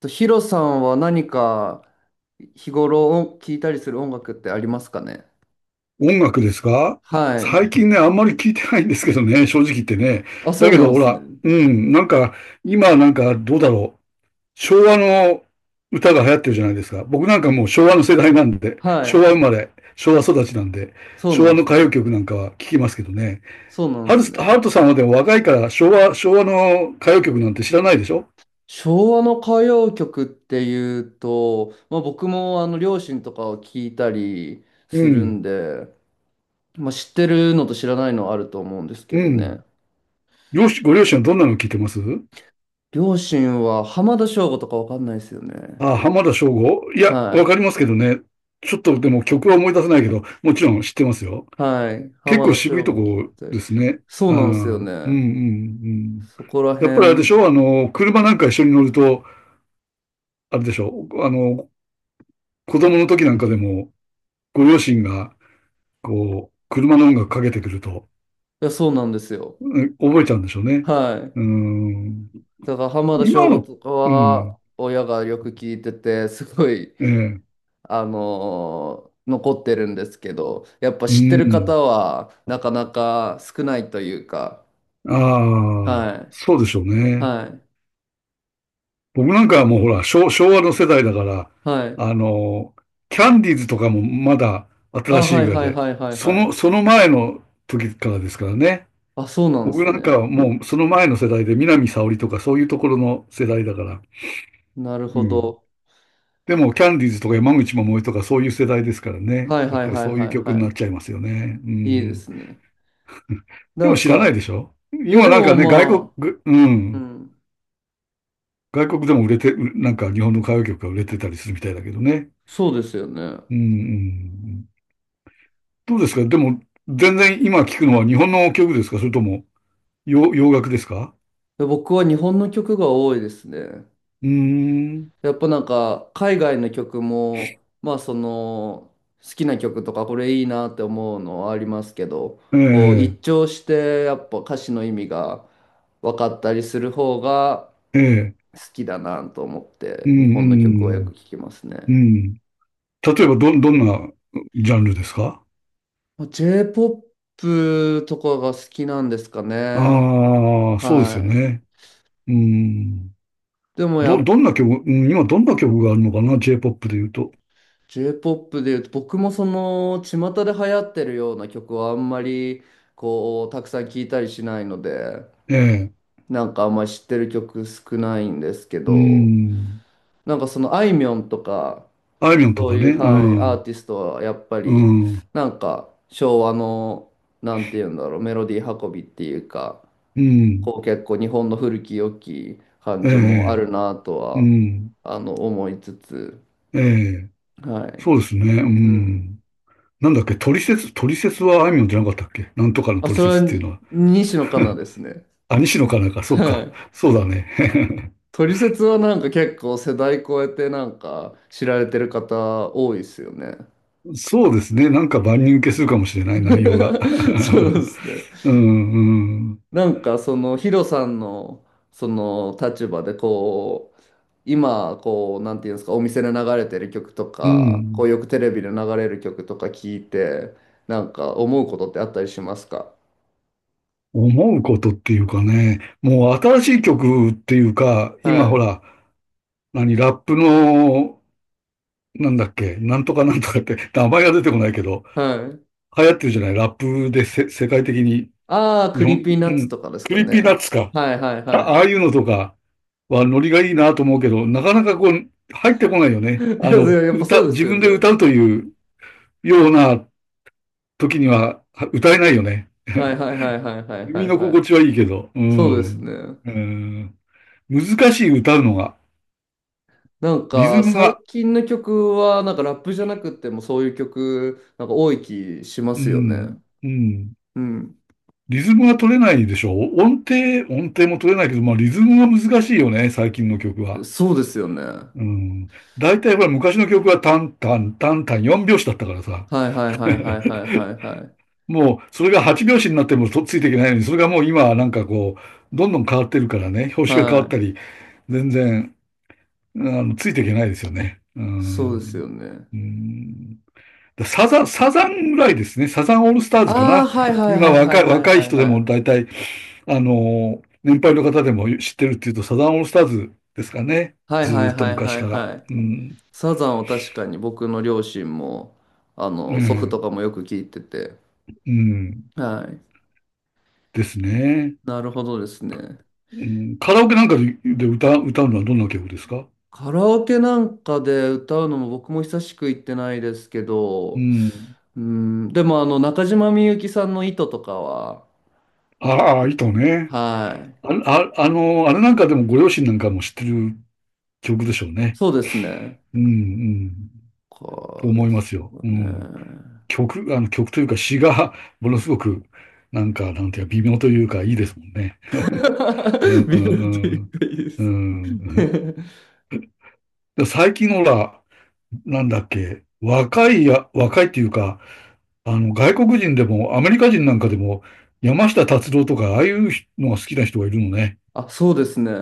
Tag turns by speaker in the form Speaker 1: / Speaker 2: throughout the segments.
Speaker 1: と、ヒロさんは何か日頃聴いたりする音楽ってありますかね？
Speaker 2: 音楽ですか。
Speaker 1: はい。
Speaker 2: 最近ね、あんまり聞いてないんですけどね、正直言ってね。
Speaker 1: あ、そ
Speaker 2: だ
Speaker 1: う
Speaker 2: け
Speaker 1: な
Speaker 2: ど
Speaker 1: んで
Speaker 2: ほ
Speaker 1: すね。
Speaker 2: ら、うん、なんか、今なんかどうだろう。昭和の歌が流行ってるじゃないですか。僕なんかもう昭和の世代なんで、
Speaker 1: は
Speaker 2: 昭
Speaker 1: い。
Speaker 2: 和生まれ、昭和育ちなんで、
Speaker 1: そう
Speaker 2: 昭
Speaker 1: なん
Speaker 2: 和
Speaker 1: で
Speaker 2: の
Speaker 1: すね。
Speaker 2: 歌謡曲なんかは聞きますけどね。
Speaker 1: そうなん
Speaker 2: ハ
Speaker 1: で
Speaker 2: ル
Speaker 1: す
Speaker 2: ス、ハ
Speaker 1: ね。
Speaker 2: ルトさんはでも若いから昭和の歌謡曲なんて知らないでしょ。
Speaker 1: 昭和の歌謡曲っていうと、まあ、僕もあの両親とかを聞いたり
Speaker 2: う
Speaker 1: する
Speaker 2: ん、
Speaker 1: んで、まあ、知ってるのと知らないのあると思うんですけ
Speaker 2: う
Speaker 1: ど
Speaker 2: ん。
Speaker 1: ね。
Speaker 2: 両親、ご両親はどんなの聞いてます
Speaker 1: 両親は浜田省吾とかわかんないですよね。
Speaker 2: あ、浜田省吾、いや、わ
Speaker 1: は
Speaker 2: かりますけどね。ちょっとでも曲は思い出せないけど、もちろん知ってますよ。
Speaker 1: い。はい。
Speaker 2: 結
Speaker 1: 浜
Speaker 2: 構
Speaker 1: 田
Speaker 2: 渋い
Speaker 1: 省
Speaker 2: と
Speaker 1: 吾聞い
Speaker 2: こ
Speaker 1: た
Speaker 2: で
Speaker 1: り。
Speaker 2: すね。
Speaker 1: そ
Speaker 2: あ
Speaker 1: う
Speaker 2: ー、う
Speaker 1: なんです
Speaker 2: ん、
Speaker 1: よ
Speaker 2: うん、う
Speaker 1: ね。
Speaker 2: ん。
Speaker 1: そこら
Speaker 2: やっぱりあれで
Speaker 1: 辺、
Speaker 2: し
Speaker 1: い
Speaker 2: ょ、あの、車なんか一緒に乗ると、あれでしょ、あの、子供の時なんかでも、ご両親が、こう、車の音楽かけてくると、
Speaker 1: や、そうなんですよ。
Speaker 2: うん、覚えちゃうんでしょうね。
Speaker 1: は
Speaker 2: うん。
Speaker 1: い。だから浜田
Speaker 2: 今
Speaker 1: 省吾
Speaker 2: の、
Speaker 1: とか
Speaker 2: うん、
Speaker 1: は親がよく聞いてて、すごい、
Speaker 2: ええ、
Speaker 1: 残ってるんですけど、やっぱ
Speaker 2: う
Speaker 1: 知ってる
Speaker 2: ん。
Speaker 1: 方はなかなか少ないというか、
Speaker 2: ああ、
Speaker 1: は
Speaker 2: そ
Speaker 1: い。
Speaker 2: うでしょうね。
Speaker 1: はい。
Speaker 2: 僕なんかはもうほら、昭和の世代だから、
Speaker 1: はい。
Speaker 2: あの、キャンディーズとかもまだ
Speaker 1: あ、
Speaker 2: 新しい
Speaker 1: はい
Speaker 2: ぐらい
Speaker 1: はい
Speaker 2: で、
Speaker 1: はいはい
Speaker 2: そ
Speaker 1: は
Speaker 2: の、
Speaker 1: い。
Speaker 2: その前の時からですからね。
Speaker 1: あ、そうなんで
Speaker 2: 僕
Speaker 1: す
Speaker 2: なんか
Speaker 1: ね。
Speaker 2: はもうその前の世代で、南沙織とかそういうところの世代だから。
Speaker 1: なる
Speaker 2: う
Speaker 1: ほ
Speaker 2: ん。
Speaker 1: ど。
Speaker 2: でも、キャンディーズとか山口百恵とかそういう世代ですからね。
Speaker 1: はい
Speaker 2: やっ
Speaker 1: はい
Speaker 2: ぱり
Speaker 1: はい
Speaker 2: そうい
Speaker 1: は
Speaker 2: う
Speaker 1: い
Speaker 2: 曲になっ
Speaker 1: は
Speaker 2: ちゃいますよね。う
Speaker 1: い。いいで
Speaker 2: ん。
Speaker 1: すね。
Speaker 2: で
Speaker 1: な
Speaker 2: も
Speaker 1: ん
Speaker 2: 知らないで
Speaker 1: か、
Speaker 2: しょ。
Speaker 1: いや
Speaker 2: 今
Speaker 1: で
Speaker 2: なんか
Speaker 1: も
Speaker 2: ね、
Speaker 1: ま
Speaker 2: う
Speaker 1: あ、う
Speaker 2: ん、
Speaker 1: ん、
Speaker 2: 外国でも売れて、なんか日本の歌謡曲が売れてたりするみたいだけどね。
Speaker 1: そうですよね。
Speaker 2: うん、うん、うん。どうですかでも、全然今聞くのは日本の曲ですか、それとも洋楽ですか。
Speaker 1: 僕は日本の曲が多いですね。
Speaker 2: うーん。
Speaker 1: やっぱなんか海外の曲もまあその好きな曲とかこれいいなって思うのはありますけど、
Speaker 2: え
Speaker 1: こう一
Speaker 2: え、
Speaker 1: 聴してやっぱ歌詞の意味が分かったりする方が
Speaker 2: ええ、
Speaker 1: 好きだなと思っ
Speaker 2: う
Speaker 1: て日本の曲はよ
Speaker 2: ん、
Speaker 1: く聴きます
Speaker 2: うん、う
Speaker 1: ね。
Speaker 2: ん。例えば、どんなジャンルですか。
Speaker 1: まあ J-POP とかが好きなんですか
Speaker 2: あ
Speaker 1: ね。
Speaker 2: あー、そうですよ
Speaker 1: は
Speaker 2: ね。
Speaker 1: い。
Speaker 2: うん。
Speaker 1: でもや
Speaker 2: ど、
Speaker 1: っ
Speaker 2: どんな曲、うん、今どんな曲があるのかな？ J-POP で言うと。
Speaker 1: J-POP で言うと僕もその巷で流行ってるような曲はあんまりこうたくさん聴いたりしないので、
Speaker 2: ええ、
Speaker 1: なんかあんまり知ってる曲少ないんですけ
Speaker 2: う
Speaker 1: ど、
Speaker 2: ん。
Speaker 1: なんかそのあいみょんとか、
Speaker 2: あいみょんと
Speaker 1: そ
Speaker 2: か
Speaker 1: うい
Speaker 2: ね。
Speaker 1: う、
Speaker 2: う
Speaker 1: はい、アー
Speaker 2: ん、
Speaker 1: ティストはやっぱり
Speaker 2: うん、
Speaker 1: なんか昭和の、なんて言うんだろう、メロディー運びっていうか、
Speaker 2: うん。
Speaker 1: こう結構日本の古き良き感
Speaker 2: え
Speaker 1: じもあ
Speaker 2: え、
Speaker 1: るなと
Speaker 2: う
Speaker 1: は、
Speaker 2: ん。
Speaker 1: あの、思いつつ、
Speaker 2: ええ、
Speaker 1: はい。
Speaker 2: そうですね。う
Speaker 1: うん、
Speaker 2: ん。なんだっけ、トリセツはあいみょんじゃなかったっけ、なんとかの
Speaker 1: あ、
Speaker 2: トリ
Speaker 1: そ
Speaker 2: セ
Speaker 1: れ
Speaker 2: ツってい
Speaker 1: は
Speaker 2: うのは。
Speaker 1: 西野カナですね。
Speaker 2: あ、西野かなんか、そ
Speaker 1: は
Speaker 2: うか。
Speaker 1: い。
Speaker 2: そうだね。
Speaker 1: トリセツはなんか結構世代超えてなんか知られてる方多いですよね。
Speaker 2: そうですね。なんか万人受けするかもしれない内容が。
Speaker 1: そうですね。
Speaker 2: うん、うん、
Speaker 1: なんかそのヒロさんのその立場でこう今こうなんていうんですか、お店で流れてる曲と
Speaker 2: う
Speaker 1: かこう
Speaker 2: ん。
Speaker 1: よくテレビで流れる曲とか聞いて、なんか思うことってあったりしますか？
Speaker 2: 思うことっていうかね、もう新しい曲っていうか、
Speaker 1: は
Speaker 2: 今ほ
Speaker 1: い
Speaker 2: ら、何、ラップの、なんだっけ、なんとかなんとかって、名前が出てこないけど、
Speaker 1: はい。
Speaker 2: 流行ってるじゃない、ラップで、世界的に、
Speaker 1: ああ、
Speaker 2: 日
Speaker 1: クリー
Speaker 2: 本、
Speaker 1: ピーナ
Speaker 2: う
Speaker 1: ッツ
Speaker 2: ん、
Speaker 1: とかです
Speaker 2: ク
Speaker 1: か
Speaker 2: リーピーナッ
Speaker 1: ね。
Speaker 2: ツか。
Speaker 1: はいはい
Speaker 2: あ、
Speaker 1: は
Speaker 2: ああ
Speaker 1: い。
Speaker 2: いうのとかはノリがいいなと思うけど、なかなかこう、入ってこないよ
Speaker 1: い
Speaker 2: ね。あの、
Speaker 1: や、やっぱそう
Speaker 2: 歌、
Speaker 1: で
Speaker 2: 自
Speaker 1: すよ
Speaker 2: 分
Speaker 1: ね。
Speaker 2: で歌うというような時には歌えないよね。
Speaker 1: はい はいはいはいはいは
Speaker 2: 耳
Speaker 1: い
Speaker 2: の
Speaker 1: は
Speaker 2: 心
Speaker 1: い。
Speaker 2: 地はいいけど、う
Speaker 1: そうですね。
Speaker 2: ん。うん。難しい、歌うのが、
Speaker 1: なん
Speaker 2: リズ
Speaker 1: か
Speaker 2: ム
Speaker 1: 最
Speaker 2: が、
Speaker 1: 近の曲はなんかラップじゃなくてもそういう曲なんか多い気しま
Speaker 2: う
Speaker 1: すよね。
Speaker 2: ん、うん。
Speaker 1: うん。
Speaker 2: リズムが取れないでしょ。音程も取れないけど、まあリズムが難しいよね、最近の曲は。
Speaker 1: そうですよね。は
Speaker 2: うん。大体ほら昔の曲はタンタン4拍子だったからさ。
Speaker 1: いはいはいはいはいはいはい。
Speaker 2: もう、それが8拍子になってもとっついていけないのに、それがもう今はなんかこう、どんどん変わってるからね、拍子が変わ
Speaker 1: は
Speaker 2: った
Speaker 1: い。
Speaker 2: り、全然、あの、ついていけないですよね。うー
Speaker 1: そうですよ
Speaker 2: ん。
Speaker 1: ね。
Speaker 2: うーん。だサザン、サザンぐらいですね。サザンオールスター
Speaker 1: あ
Speaker 2: ズか
Speaker 1: あ、
Speaker 2: な。
Speaker 1: はいはい
Speaker 2: 今
Speaker 1: はいは
Speaker 2: 若
Speaker 1: い
Speaker 2: い、
Speaker 1: はい
Speaker 2: 若い
Speaker 1: はい
Speaker 2: 人で
Speaker 1: は
Speaker 2: も
Speaker 1: い。
Speaker 2: 大体、あの、年配の方でも知ってるっていうと、サザンオールスターズですかね。
Speaker 1: はい
Speaker 2: ず
Speaker 1: は
Speaker 2: ー
Speaker 1: い
Speaker 2: っと
Speaker 1: はい
Speaker 2: 昔
Speaker 1: はい
Speaker 2: から。
Speaker 1: はい。
Speaker 2: うん。
Speaker 1: サザンを確かに僕の両親もあ
Speaker 2: う
Speaker 1: の祖父
Speaker 2: ん。
Speaker 1: とかもよく聞いてて。
Speaker 2: うん。
Speaker 1: はい。
Speaker 2: ですね。
Speaker 1: なるほどですね。
Speaker 2: うん、カラオケなんかで歌うのはどんな曲ですか。
Speaker 1: カラオケなんかで歌うのも僕も久しく行ってないですけ
Speaker 2: う
Speaker 1: ど、
Speaker 2: ん。
Speaker 1: うん、でもあの中島みゆきさんの糸とかは、
Speaker 2: ああ、糸ね。
Speaker 1: はい、
Speaker 2: あ、あ、あの、あれなんかでもご両親なんかも知ってる曲でしょうね。
Speaker 1: そうですね。
Speaker 2: うん、うん、と
Speaker 1: こう
Speaker 2: 思
Speaker 1: で
Speaker 2: いま
Speaker 1: す
Speaker 2: すよ。
Speaker 1: よ
Speaker 2: うん。
Speaker 1: ね。
Speaker 2: 曲、あの曲というか詩が ものすごく、なんか、なんていうか、微妙というか、いいですもんね。う ん、う
Speaker 1: 微妙という
Speaker 2: ん、
Speaker 1: かいいで
Speaker 2: う
Speaker 1: す。
Speaker 2: ん。うん。 で最近のほら、なんだっけ、若いっていうか、あの、外国人でも、アメリカ人なんかでも、山下達郎とか、ああいうのが好きな人がいるのね。
Speaker 1: あ、そうですね。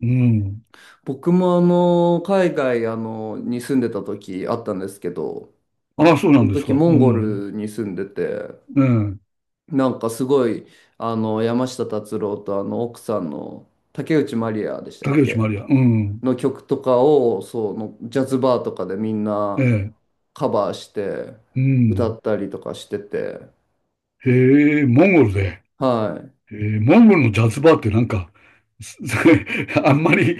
Speaker 2: うん。
Speaker 1: 僕もあの海外あのに住んでた時あったんですけど、
Speaker 2: ああ、そうな
Speaker 1: そ
Speaker 2: ん
Speaker 1: の
Speaker 2: です
Speaker 1: 時
Speaker 2: か。う
Speaker 1: モンゴ
Speaker 2: ん。
Speaker 1: ルに住んでて、
Speaker 2: うん、
Speaker 1: なんかすごい、あの、山下達郎とあの奥さんの竹内まりやでしたっ
Speaker 2: 竹内
Speaker 1: け
Speaker 2: まりや。うん。
Speaker 1: の曲とかを、そう、のジャズバーとかでみん
Speaker 2: え
Speaker 1: な
Speaker 2: え。
Speaker 1: カバーして
Speaker 2: う
Speaker 1: 歌
Speaker 2: ん。
Speaker 1: ったりとかしてて、
Speaker 2: へえ、モンゴルで。
Speaker 1: はい。
Speaker 2: ええ、モンゴルのジャズバーってなんか、す あんまり、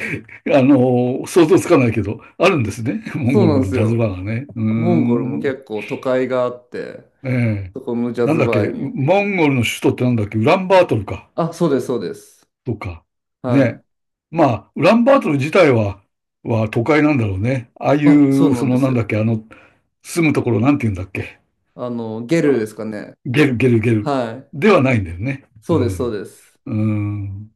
Speaker 2: あの、想像つかないけど、あるんですね。モン
Speaker 1: そ
Speaker 2: ゴ
Speaker 1: うなん
Speaker 2: ル
Speaker 1: で
Speaker 2: に
Speaker 1: す
Speaker 2: ジャズバ
Speaker 1: よ。
Speaker 2: ーがね。うー
Speaker 1: モンゴルも
Speaker 2: ん。
Speaker 1: 結構都会があって、
Speaker 2: ええ。
Speaker 1: そこのジャ
Speaker 2: なん
Speaker 1: ズ
Speaker 2: だっけ、
Speaker 1: バーによく行って
Speaker 2: モ
Speaker 1: ま
Speaker 2: ンゴルの
Speaker 1: す。
Speaker 2: 首都ってなんだっけ、ウランバートルか。
Speaker 1: あ、そうです、そうです。
Speaker 2: とか。
Speaker 1: は
Speaker 2: ね。
Speaker 1: い。
Speaker 2: まあ、ウランバートル自体は、は都会なんだろうね。ああい
Speaker 1: あ、そう
Speaker 2: う、
Speaker 1: な
Speaker 2: そ
Speaker 1: んで
Speaker 2: の
Speaker 1: す
Speaker 2: なんだっ
Speaker 1: よ。
Speaker 2: け、あの、住むところなんて言うんだっけ。
Speaker 1: あの、ゲルですかね。
Speaker 2: ゲル。
Speaker 1: はい。
Speaker 2: ではないんだよね。
Speaker 1: そ
Speaker 2: う
Speaker 1: うです、そう
Speaker 2: ん。
Speaker 1: です。
Speaker 2: うん。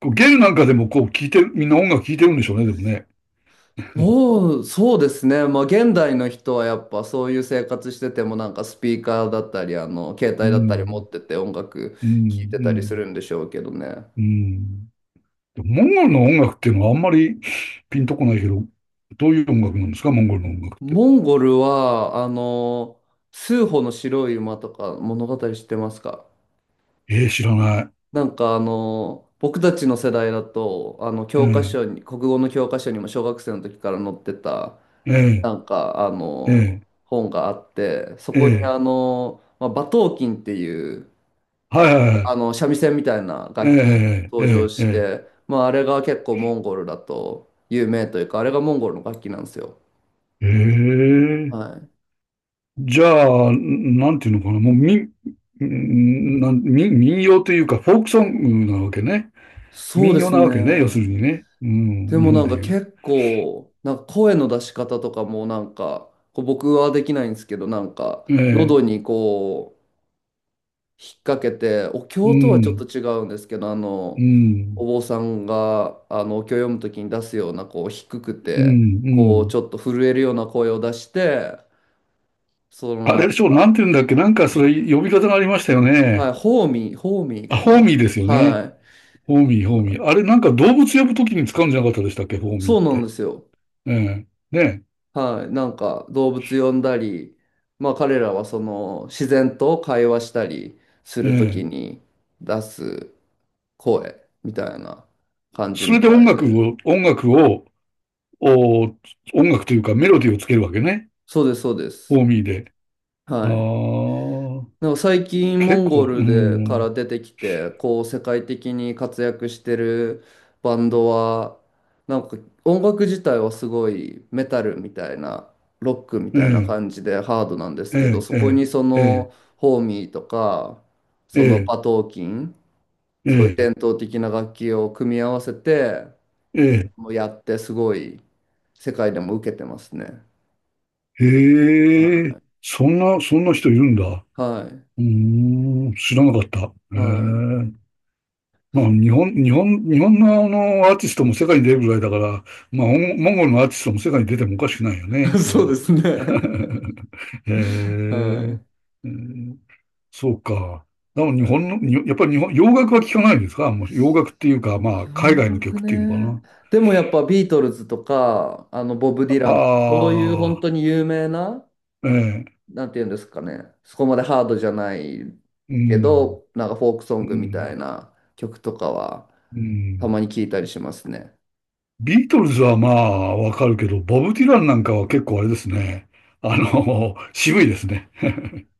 Speaker 2: こうゲルなんかでもこう聴いてる、みんな音楽聴いてるんでしょうね、でもね。
Speaker 1: おー、そうですね。まあ、現代の人はやっぱそういう生活しててもなんかスピーカーだったり、あの、携
Speaker 2: う
Speaker 1: 帯だったり持っ
Speaker 2: ん。
Speaker 1: てて音楽
Speaker 2: う
Speaker 1: 聴い
Speaker 2: ん。
Speaker 1: て
Speaker 2: う
Speaker 1: たりす
Speaker 2: ん。
Speaker 1: るんでしょうけどね。
Speaker 2: うん。モンゴルの音楽っていうのはあんまりピンとこないけど、どういう音楽なんですか、モンゴルの音楽って。
Speaker 1: モンゴルは、あの、スーホの白い馬とか物語知ってますか？
Speaker 2: ええ、知らない。
Speaker 1: なんかあの、僕たちの世代だと、あの、
Speaker 2: え
Speaker 1: 教科
Speaker 2: え、
Speaker 1: 書に、国語の教科書にも小学生の時から載ってた、
Speaker 2: え
Speaker 1: なんかあ
Speaker 2: え、
Speaker 1: の、
Speaker 2: え
Speaker 1: 本があって、そ
Speaker 2: え、え
Speaker 1: こに
Speaker 2: え、
Speaker 1: あの、まあ、馬頭琴っていう、
Speaker 2: はいはいは
Speaker 1: あ
Speaker 2: い。
Speaker 1: の、三味線みたいな
Speaker 2: え
Speaker 1: 楽器
Speaker 2: え、え
Speaker 1: 登場
Speaker 2: え、
Speaker 1: し
Speaker 2: ええ、
Speaker 1: て、まあ、あれが結構モンゴルだと有名というか、あれがモンゴルの楽器なんですよ。
Speaker 2: ええ、ええ。
Speaker 1: はい。
Speaker 2: じゃあ、なんていうのかな、もうんなん民、民謡というか、フォークソングなわけね。
Speaker 1: そう
Speaker 2: 民
Speaker 1: で
Speaker 2: 謡
Speaker 1: す
Speaker 2: なわけね、要する
Speaker 1: ね。
Speaker 2: にね。う
Speaker 1: で
Speaker 2: ん、日
Speaker 1: も
Speaker 2: 本
Speaker 1: なん
Speaker 2: で
Speaker 1: か
Speaker 2: いう。
Speaker 1: 結構、なんか声の出し方とかもなんか、こう僕はできないんですけど、なんか、
Speaker 2: ええ、
Speaker 1: 喉にこう、引っ掛けて、お
Speaker 2: う
Speaker 1: 経とはちょっと
Speaker 2: ん、
Speaker 1: 違うんですけど、あ
Speaker 2: う
Speaker 1: の、お
Speaker 2: ん、
Speaker 1: 坊さんが、あの、お経を読むときに出すような、こう、低く
Speaker 2: う
Speaker 1: て、
Speaker 2: ん、う
Speaker 1: こう、
Speaker 2: ん。
Speaker 1: ちょっと震えるような声を出して、その
Speaker 2: あ
Speaker 1: な
Speaker 2: れ
Speaker 1: ん
Speaker 2: でしょ、なん
Speaker 1: か、
Speaker 2: ていうんだっけ、なんかそれ呼び方がありましたよ
Speaker 1: は
Speaker 2: ね。
Speaker 1: い、ホーミー、ホーミー
Speaker 2: あ、
Speaker 1: か
Speaker 2: ホー
Speaker 1: な。
Speaker 2: ミーですよ
Speaker 1: は
Speaker 2: ね。
Speaker 1: い。
Speaker 2: ホーミー。あれなんか動物呼ぶときに使うんじゃなかったでしたっけ、ホーミ
Speaker 1: そ
Speaker 2: ーっ
Speaker 1: うなんで
Speaker 2: て。
Speaker 1: すよ。
Speaker 2: ええ、ね
Speaker 1: はい。なんか動物呼んだり、まあ彼らはその自然と会話したりす
Speaker 2: え、え
Speaker 1: るとき
Speaker 2: え。
Speaker 1: に出す声みたいな感じ
Speaker 2: それ
Speaker 1: み
Speaker 2: で
Speaker 1: たいで。
Speaker 2: 音楽を、お、音楽というかメロディーをつけるわけね。
Speaker 1: そうです、そうで
Speaker 2: フ
Speaker 1: す。
Speaker 2: ォーミーで。あ
Speaker 1: はい。
Speaker 2: あ、
Speaker 1: なんか最近モ
Speaker 2: 結
Speaker 1: ンゴ
Speaker 2: 構、
Speaker 1: ル
Speaker 2: う
Speaker 1: でから
Speaker 2: ん。
Speaker 1: 出てきてこう世界的に活躍してるバンドは、なんか音楽自体はすごいメタルみたいなロックみ
Speaker 2: え
Speaker 1: たいな
Speaker 2: え、
Speaker 1: 感じでハードなんですけど、
Speaker 2: え
Speaker 1: そこ
Speaker 2: え、
Speaker 1: にそ
Speaker 2: ええ、
Speaker 1: のホーミーとか、
Speaker 2: え
Speaker 1: その
Speaker 2: え、
Speaker 1: バトーキン、
Speaker 2: え
Speaker 1: そういう
Speaker 2: え、
Speaker 1: 伝統的な楽器を組み合わせて、
Speaker 2: え
Speaker 1: もうやってすごい世界でも受けてますね。
Speaker 2: え、へ
Speaker 1: は
Speaker 2: え、そんな人いるんだ。
Speaker 1: いはい。
Speaker 2: うーん、知らなかった。え
Speaker 1: はい。
Speaker 2: え。まあ、日本のあの、アーティストも世界に出るぐらいだから、まあ、モンゴルのアーティストも世界に出てもおかしくないよね、それ
Speaker 1: そうで
Speaker 2: は。
Speaker 1: すね。そうですね。
Speaker 2: へ
Speaker 1: は
Speaker 2: え。
Speaker 1: い。
Speaker 2: ええ、そうか。でも
Speaker 1: う
Speaker 2: 日
Speaker 1: ん、
Speaker 2: 本の、にやっぱり日本、洋楽は聞かないですか。もう洋楽っていうか、まあ、海
Speaker 1: 洋
Speaker 2: 外の
Speaker 1: 楽
Speaker 2: 曲っていうのか
Speaker 1: ね。
Speaker 2: な。
Speaker 1: でもやっぱビートルズとか、あのボブ・ディラ
Speaker 2: あ
Speaker 1: ン、そういう本当に有名な、
Speaker 2: あ、ええ、
Speaker 1: なんていうんですかね、そこまでハードじゃない
Speaker 2: う
Speaker 1: け
Speaker 2: ん、
Speaker 1: ど、なんかフォークソン
Speaker 2: う
Speaker 1: グみたい
Speaker 2: ん、
Speaker 1: な曲とかは、
Speaker 2: う
Speaker 1: た
Speaker 2: ん。
Speaker 1: まに聞いたりしますね。
Speaker 2: ビートルズはまあ、わかるけど、ボブ・ディランなんかは結構あれですね。あの、渋いですね。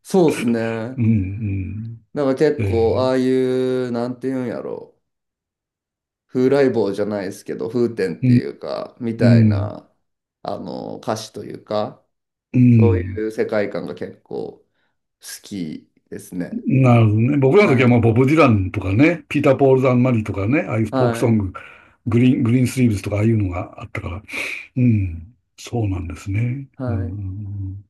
Speaker 1: そうですね。
Speaker 2: うん、うん。
Speaker 1: なんか結
Speaker 2: え
Speaker 1: 構、
Speaker 2: え、
Speaker 1: ああいう、なんていうんやろ、風来坊じゃないですけど、風天っ
Speaker 2: う
Speaker 1: て
Speaker 2: ん、
Speaker 1: いうか、み
Speaker 2: う
Speaker 1: たい
Speaker 2: ん、
Speaker 1: な、あの、歌詞というか、
Speaker 2: う
Speaker 1: そう
Speaker 2: ん。
Speaker 1: いう世界観が結構、好きですね。
Speaker 2: なるほどね。僕らの時
Speaker 1: は
Speaker 2: はまあ、
Speaker 1: い。
Speaker 2: ボブ・ディランとかね、ピーター・ポール・ザン・マリーとかね、ああいうフォーク
Speaker 1: は
Speaker 2: ソン
Speaker 1: い。
Speaker 2: グ、グリーンスリーブスとかああいうのがあったから、うん、そうなんですね。うん、う
Speaker 1: は
Speaker 2: ん、う
Speaker 1: い。
Speaker 2: ん